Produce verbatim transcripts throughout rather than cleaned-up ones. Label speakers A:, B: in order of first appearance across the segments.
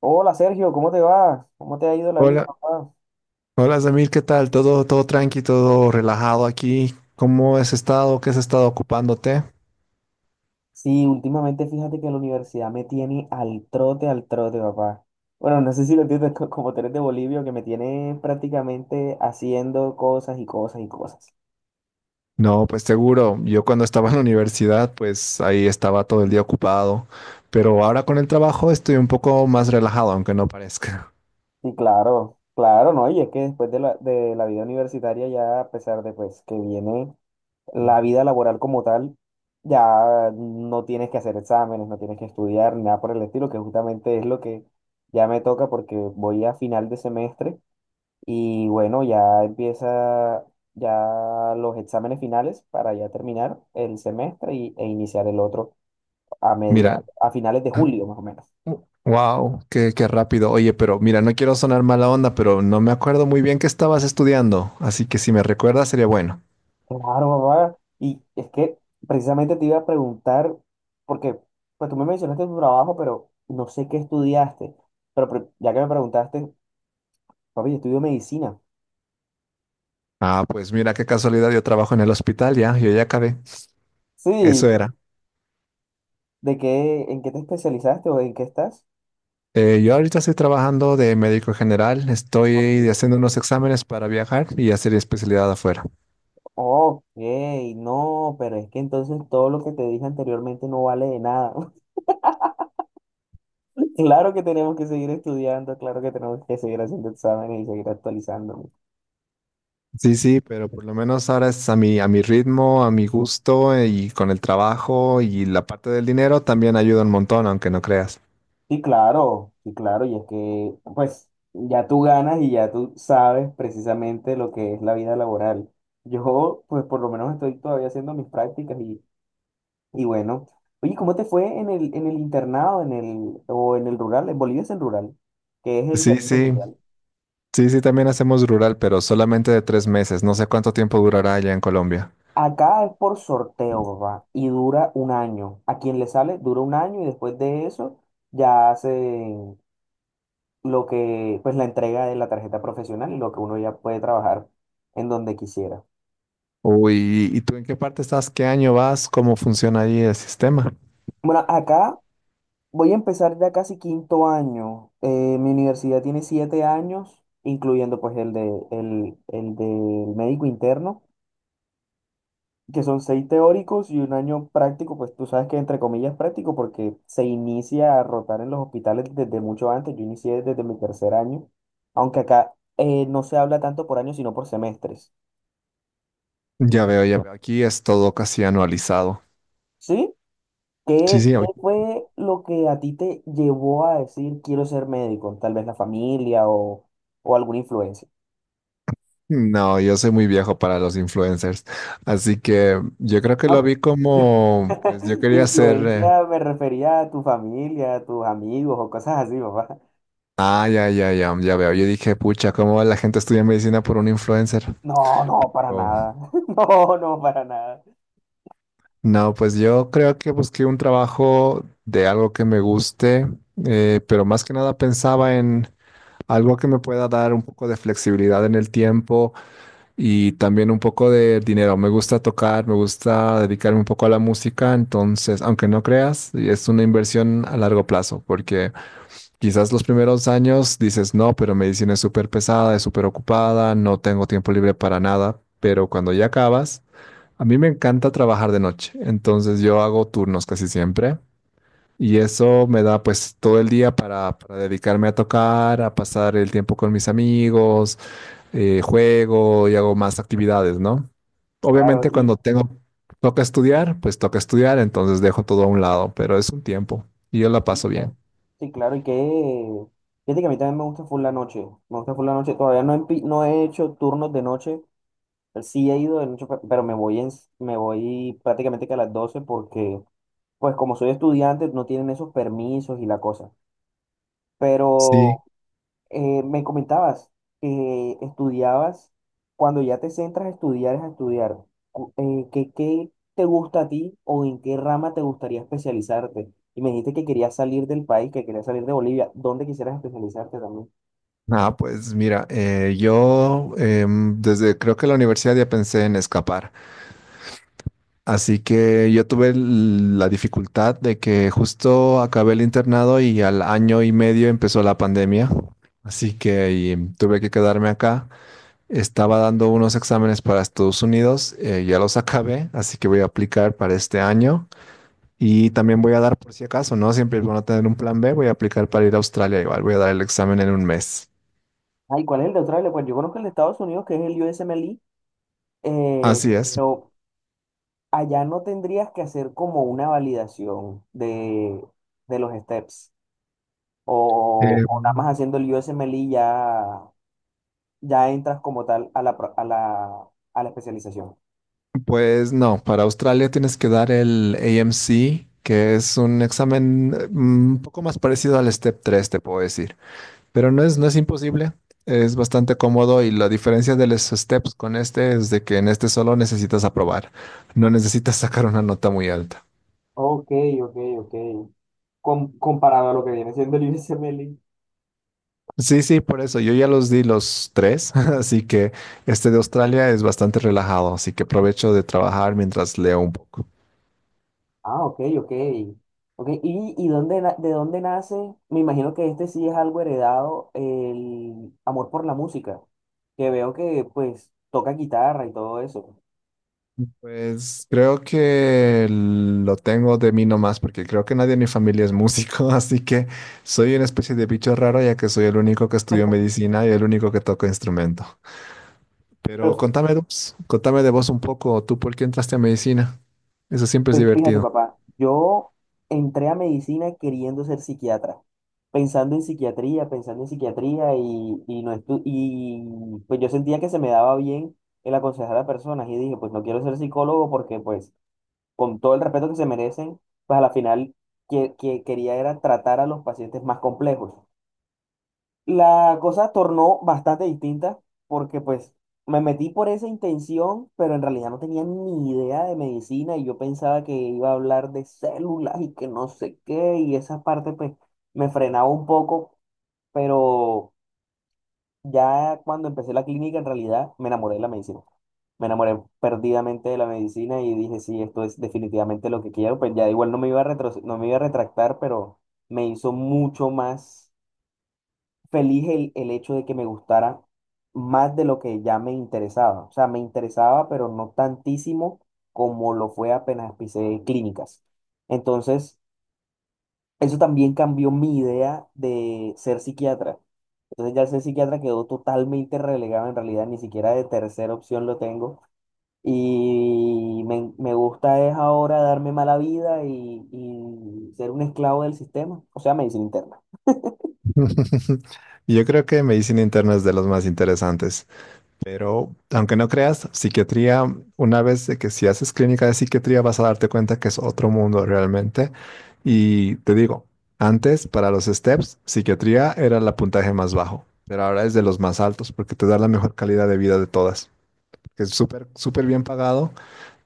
A: Hola Sergio, ¿cómo te vas? ¿Cómo te ha ido la vida,
B: Hola,
A: papá?
B: hola Samir, ¿qué tal? Todo, todo tranqui, todo relajado aquí. ¿Cómo has estado? ¿Qué has estado ocupándote?
A: Sí, últimamente fíjate que la universidad me tiene al trote, al trote, papá. Bueno, no sé si lo entiendes co- como tú eres de Bolivia, que me tiene prácticamente haciendo cosas y cosas y cosas.
B: No, pues seguro. Yo cuando estaba en la universidad, pues ahí estaba todo el día ocupado. Pero ahora con el trabajo estoy un poco más relajado, aunque no parezca.
A: Sí, claro, claro, ¿no? Y es que después de la, de la vida universitaria ya, a pesar de pues que viene la vida laboral como tal, ya no tienes que hacer exámenes, no tienes que estudiar, nada por el estilo, que justamente es lo que ya me toca porque voy a final de semestre. Y bueno, ya empieza ya los exámenes finales para ya terminar el semestre y, e iniciar el otro a media,
B: Mira,
A: a finales de julio más o menos.
B: wow, qué, qué rápido. Oye, pero mira, no quiero sonar mala onda, pero no me acuerdo muy bien qué estabas estudiando. Así que si me recuerdas, sería bueno.
A: Claro, papá. Y es que precisamente te iba a preguntar, porque pues tú me mencionaste tu trabajo, pero no sé qué estudiaste. Pero pre- ya que me preguntaste, papi, yo estudio medicina.
B: Ah, pues mira qué casualidad, yo trabajo en el hospital ya, yo ya acabé.
A: Sí,
B: Eso era.
A: ¿de qué, en qué te especializaste o en qué estás?
B: Eh, yo ahorita estoy trabajando de médico general,
A: Ok.
B: estoy haciendo unos exámenes para viajar y hacer especialidad afuera.
A: Ok, no, pero es que entonces todo lo que te dije anteriormente no vale de nada. Claro que tenemos que seguir estudiando, claro que tenemos que seguir haciendo exámenes y seguir actualizándonos.
B: Sí, sí, pero por lo menos ahora es a mi, a mi ritmo, a mi gusto, eh, y con el trabajo y la parte del dinero también ayuda un montón, aunque no creas.
A: Sí, claro, sí, claro, y es que pues ya tú ganas y ya tú sabes precisamente lo que es la vida laboral. Yo pues por lo menos estoy todavía haciendo mis prácticas y, y bueno. Oye, ¿cómo te fue en el, en el internado, en el, o en el rural? En Bolivia es el rural, que es el
B: Sí,
A: servicio
B: sí.
A: social.
B: Sí, sí, también hacemos rural, pero solamente de tres meses. No sé cuánto tiempo durará allá en Colombia.
A: Acá es por sorteo, papá, y dura un año. A quien le sale, dura un año y después de eso ya hacen lo que, pues la entrega de la tarjeta profesional y lo que uno ya puede trabajar en donde quisiera.
B: Uy, ¿y tú en qué parte estás? ¿Qué año vas? ¿Cómo funciona ahí el sistema?
A: Bueno, acá voy a empezar ya casi quinto año. Eh, mi universidad tiene siete años, incluyendo pues el de, el, el del médico interno, que son seis teóricos y un año práctico, pues tú sabes que entre comillas práctico porque se inicia a rotar en los hospitales desde mucho antes, yo inicié desde mi tercer año, aunque acá eh, no se habla tanto por años sino por semestres,
B: Ya veo, ya veo. Aquí es todo casi anualizado.
A: ¿sí?
B: Sí,
A: ¿Qué,
B: sí.
A: qué
B: Oye.
A: fue lo que a ti te llevó a decir quiero ser médico? Tal vez la familia o, o alguna influencia.
B: No, yo soy muy viejo para los influencers. Así que yo creo que
A: No,
B: lo vi como, pues yo quería ser
A: influencia
B: eh,
A: me refería a tu familia, a tus amigos o cosas así, papá.
B: Ah, ya, ya, ya, ya veo. Yo dije, pucha, ¿cómo la gente estudia medicina por un influencer?
A: No, no, para
B: Oh.
A: nada. No, no, para nada.
B: No, pues yo creo que busqué un trabajo de algo que me guste, eh, pero más que nada pensaba en algo que me pueda dar un poco de flexibilidad en el tiempo y también un poco de dinero. Me gusta tocar, me gusta dedicarme un poco a la música, entonces, aunque no creas, es una inversión a largo plazo, porque quizás los primeros años dices, no, pero medicina es súper pesada, es súper ocupada, no tengo tiempo libre para nada, pero cuando ya acabas, a mí me encanta trabajar de noche, entonces yo hago turnos casi siempre y eso me da pues todo el día para, para dedicarme a tocar, a pasar el tiempo con mis amigos, eh, juego y hago más actividades, ¿no?
A: Claro,
B: Obviamente
A: y,
B: cuando tengo, toca estudiar, pues toca estudiar, entonces dejo todo a un lado, pero es un tiempo y yo la
A: y
B: paso bien.
A: claro. Sí, claro, y que... Fíjate que a mí también me gusta full la noche. Me gusta full la noche. Todavía no he, empi- no he hecho turnos de noche. Sí he ido de noche, pe- pero me voy, en, me voy prácticamente que a las doce porque, pues como soy estudiante, no tienen esos permisos y la cosa.
B: Sí.
A: Pero, Eh, me comentabas que estudiabas, cuando ya te centras a estudiar, es a estudiar. Cu- eh, ¿qué, qué te gusta a ti o en qué rama te gustaría especializarte? Y me dijiste que querías salir del país, que querías salir de Bolivia. ¿Dónde quisieras especializarte también?
B: Ah, pues mira, eh, yo em, desde creo que la universidad ya pensé en escapar. Así que yo tuve l- la dificultad de que justo acabé el internado y al año y medio empezó la pandemia. Así que y, em, tuve que quedarme acá. Estaba dando unos exámenes para Estados Unidos, eh, ya los acabé, así que voy a aplicar para este año. Y también voy a dar por si acaso, ¿no? Siempre es bueno tener un plan B, voy a aplicar para ir a Australia igual, voy a dar el examen en un mes.
A: Ay, ¿cuál es el de Australia? Pues yo conozco el de Estados Unidos, que es el U S M L E, eh,
B: Así es.
A: pero allá no tendrías que hacer como una validación de, de los steps. O,
B: Eh,
A: o nada más haciendo el U S M L E ya ya entras como tal a la, pro- a la, a la especialización.
B: pues no, para Australia tienes que dar el A M C, que es un examen, eh, mm, un poco más parecido al Step tres, te puedo decir. Pero no es, no es imposible, es bastante cómodo, y la diferencia de los Steps con este es de que en este solo necesitas aprobar, no necesitas sacar una nota muy alta.
A: Ok, ok, ok. Com- comparado a lo que viene siendo el IBCMLI.
B: Sí, sí, por eso. Yo ya los di los tres, así que este de Australia es bastante relajado, así que aprovecho de trabajar mientras leo un poco.
A: Ah, ok, ok. Ok, ¿y, y dónde, na- de dónde nace? Me imagino que este sí es algo heredado, el amor por la música, que veo que pues toca guitarra y todo eso.
B: Pues creo que lo tengo de mí nomás, porque creo que nadie en mi familia es músico, así que soy una especie de bicho raro, ya que soy el único que estudió medicina y el único que toca instrumento. Pero
A: Pero
B: contame, de vos, contame de vos un poco, ¿tú por qué entraste a medicina? Eso siempre es
A: pues fíjate,
B: divertido.
A: papá, yo entré a medicina queriendo ser psiquiatra, pensando en psiquiatría, pensando en psiquiatría y, y no estu- y pues yo sentía que se me daba bien el aconsejar a personas y dije, pues no quiero ser psicólogo porque pues con todo el respeto que se merecen, pues a la final que, que quería era tratar a los pacientes más complejos. La cosa tornó bastante distinta porque pues me metí por esa intención, pero en realidad no tenía ni idea de medicina y yo pensaba que iba a hablar de células y que no sé qué y esa parte pues me frenaba un poco, pero ya cuando empecé la clínica en realidad me enamoré de la medicina. Me enamoré perdidamente de la medicina y dije, sí, esto es definitivamente lo que quiero, pues ya igual no me iba a retro- no me iba a retractar, pero me hizo mucho más feliz el, el hecho de que me gustara más de lo que ya me interesaba. O sea, me interesaba, pero no tantísimo como lo fue apenas empecé clínicas. Entonces, eso también cambió mi idea de ser psiquiatra. Entonces ya el ser psiquiatra quedó totalmente relegado, en realidad ni siquiera de tercera opción lo tengo. Y me, me gusta es ahora darme mala vida y, y ser un esclavo del sistema, o sea, medicina interna.
B: Yo creo que medicina interna es de los más interesantes. Pero aunque no creas, psiquiatría, una vez de que si haces clínica de psiquiatría vas a darte cuenta que es otro mundo realmente. Y te digo, antes para los STEPS, psiquiatría era el puntaje más bajo, pero ahora es de los más altos porque te da la mejor calidad de vida de todas. Es súper, súper bien pagado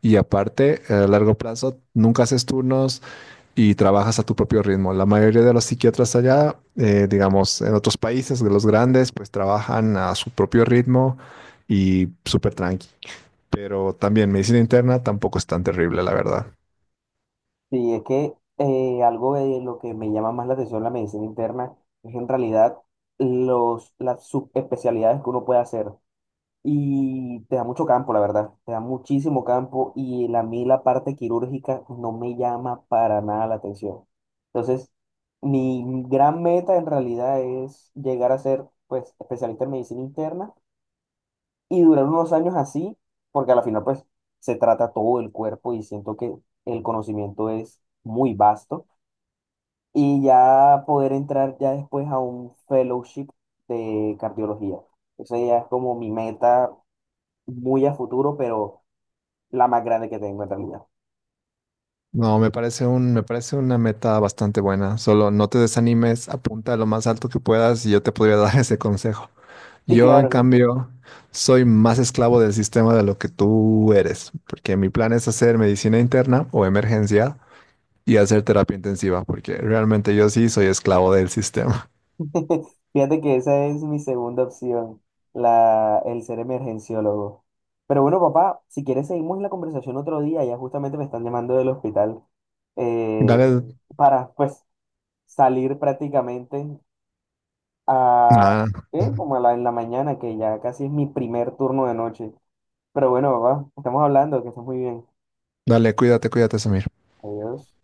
B: y aparte, a largo plazo, nunca haces turnos, y trabajas a tu propio ritmo. La mayoría de los psiquiatras allá, eh, digamos, en otros países, de los grandes, pues trabajan a su propio ritmo y súper tranqui. Pero también medicina interna tampoco es tan terrible, la verdad.
A: Sí, es que eh, algo de lo que me llama más la atención la medicina interna es en realidad los, las subespecialidades que uno puede hacer. Y te da mucho campo, la verdad. Te da muchísimo campo y la- a mí la parte quirúrgica no me llama para nada la atención. Entonces, mi gran meta en realidad es llegar a ser pues especialista en medicina interna y durar unos años así, porque a la final pues se trata todo el cuerpo y siento que el conocimiento es muy vasto y ya poder entrar ya después a un fellowship de cardiología. Esa ya es como mi meta muy a futuro, pero la más grande que tengo en realidad.
B: No, me parece un, me parece una meta bastante buena. Solo no te desanimes, apunta lo más alto que puedas y yo te podría dar ese consejo.
A: Sí,
B: Yo, en
A: claro.
B: cambio, soy más esclavo del sistema de lo que tú eres, porque mi plan es hacer medicina interna o emergencia y hacer terapia intensiva, porque realmente yo sí soy esclavo del sistema.
A: Fíjate que esa es mi segunda opción, la, el ser emergenciólogo. Pero bueno, papá, si quieres seguimos la conversación otro día, ya justamente me están llamando del hospital eh,
B: Dale,
A: para pues salir prácticamente. A,
B: nada,
A: ¿qué? Como a la, en la mañana, que ya casi es mi primer turno de noche. Pero bueno, papá, estamos hablando, que estés muy bien.
B: dale, cuídate, cuídate, Samir.
A: Adiós.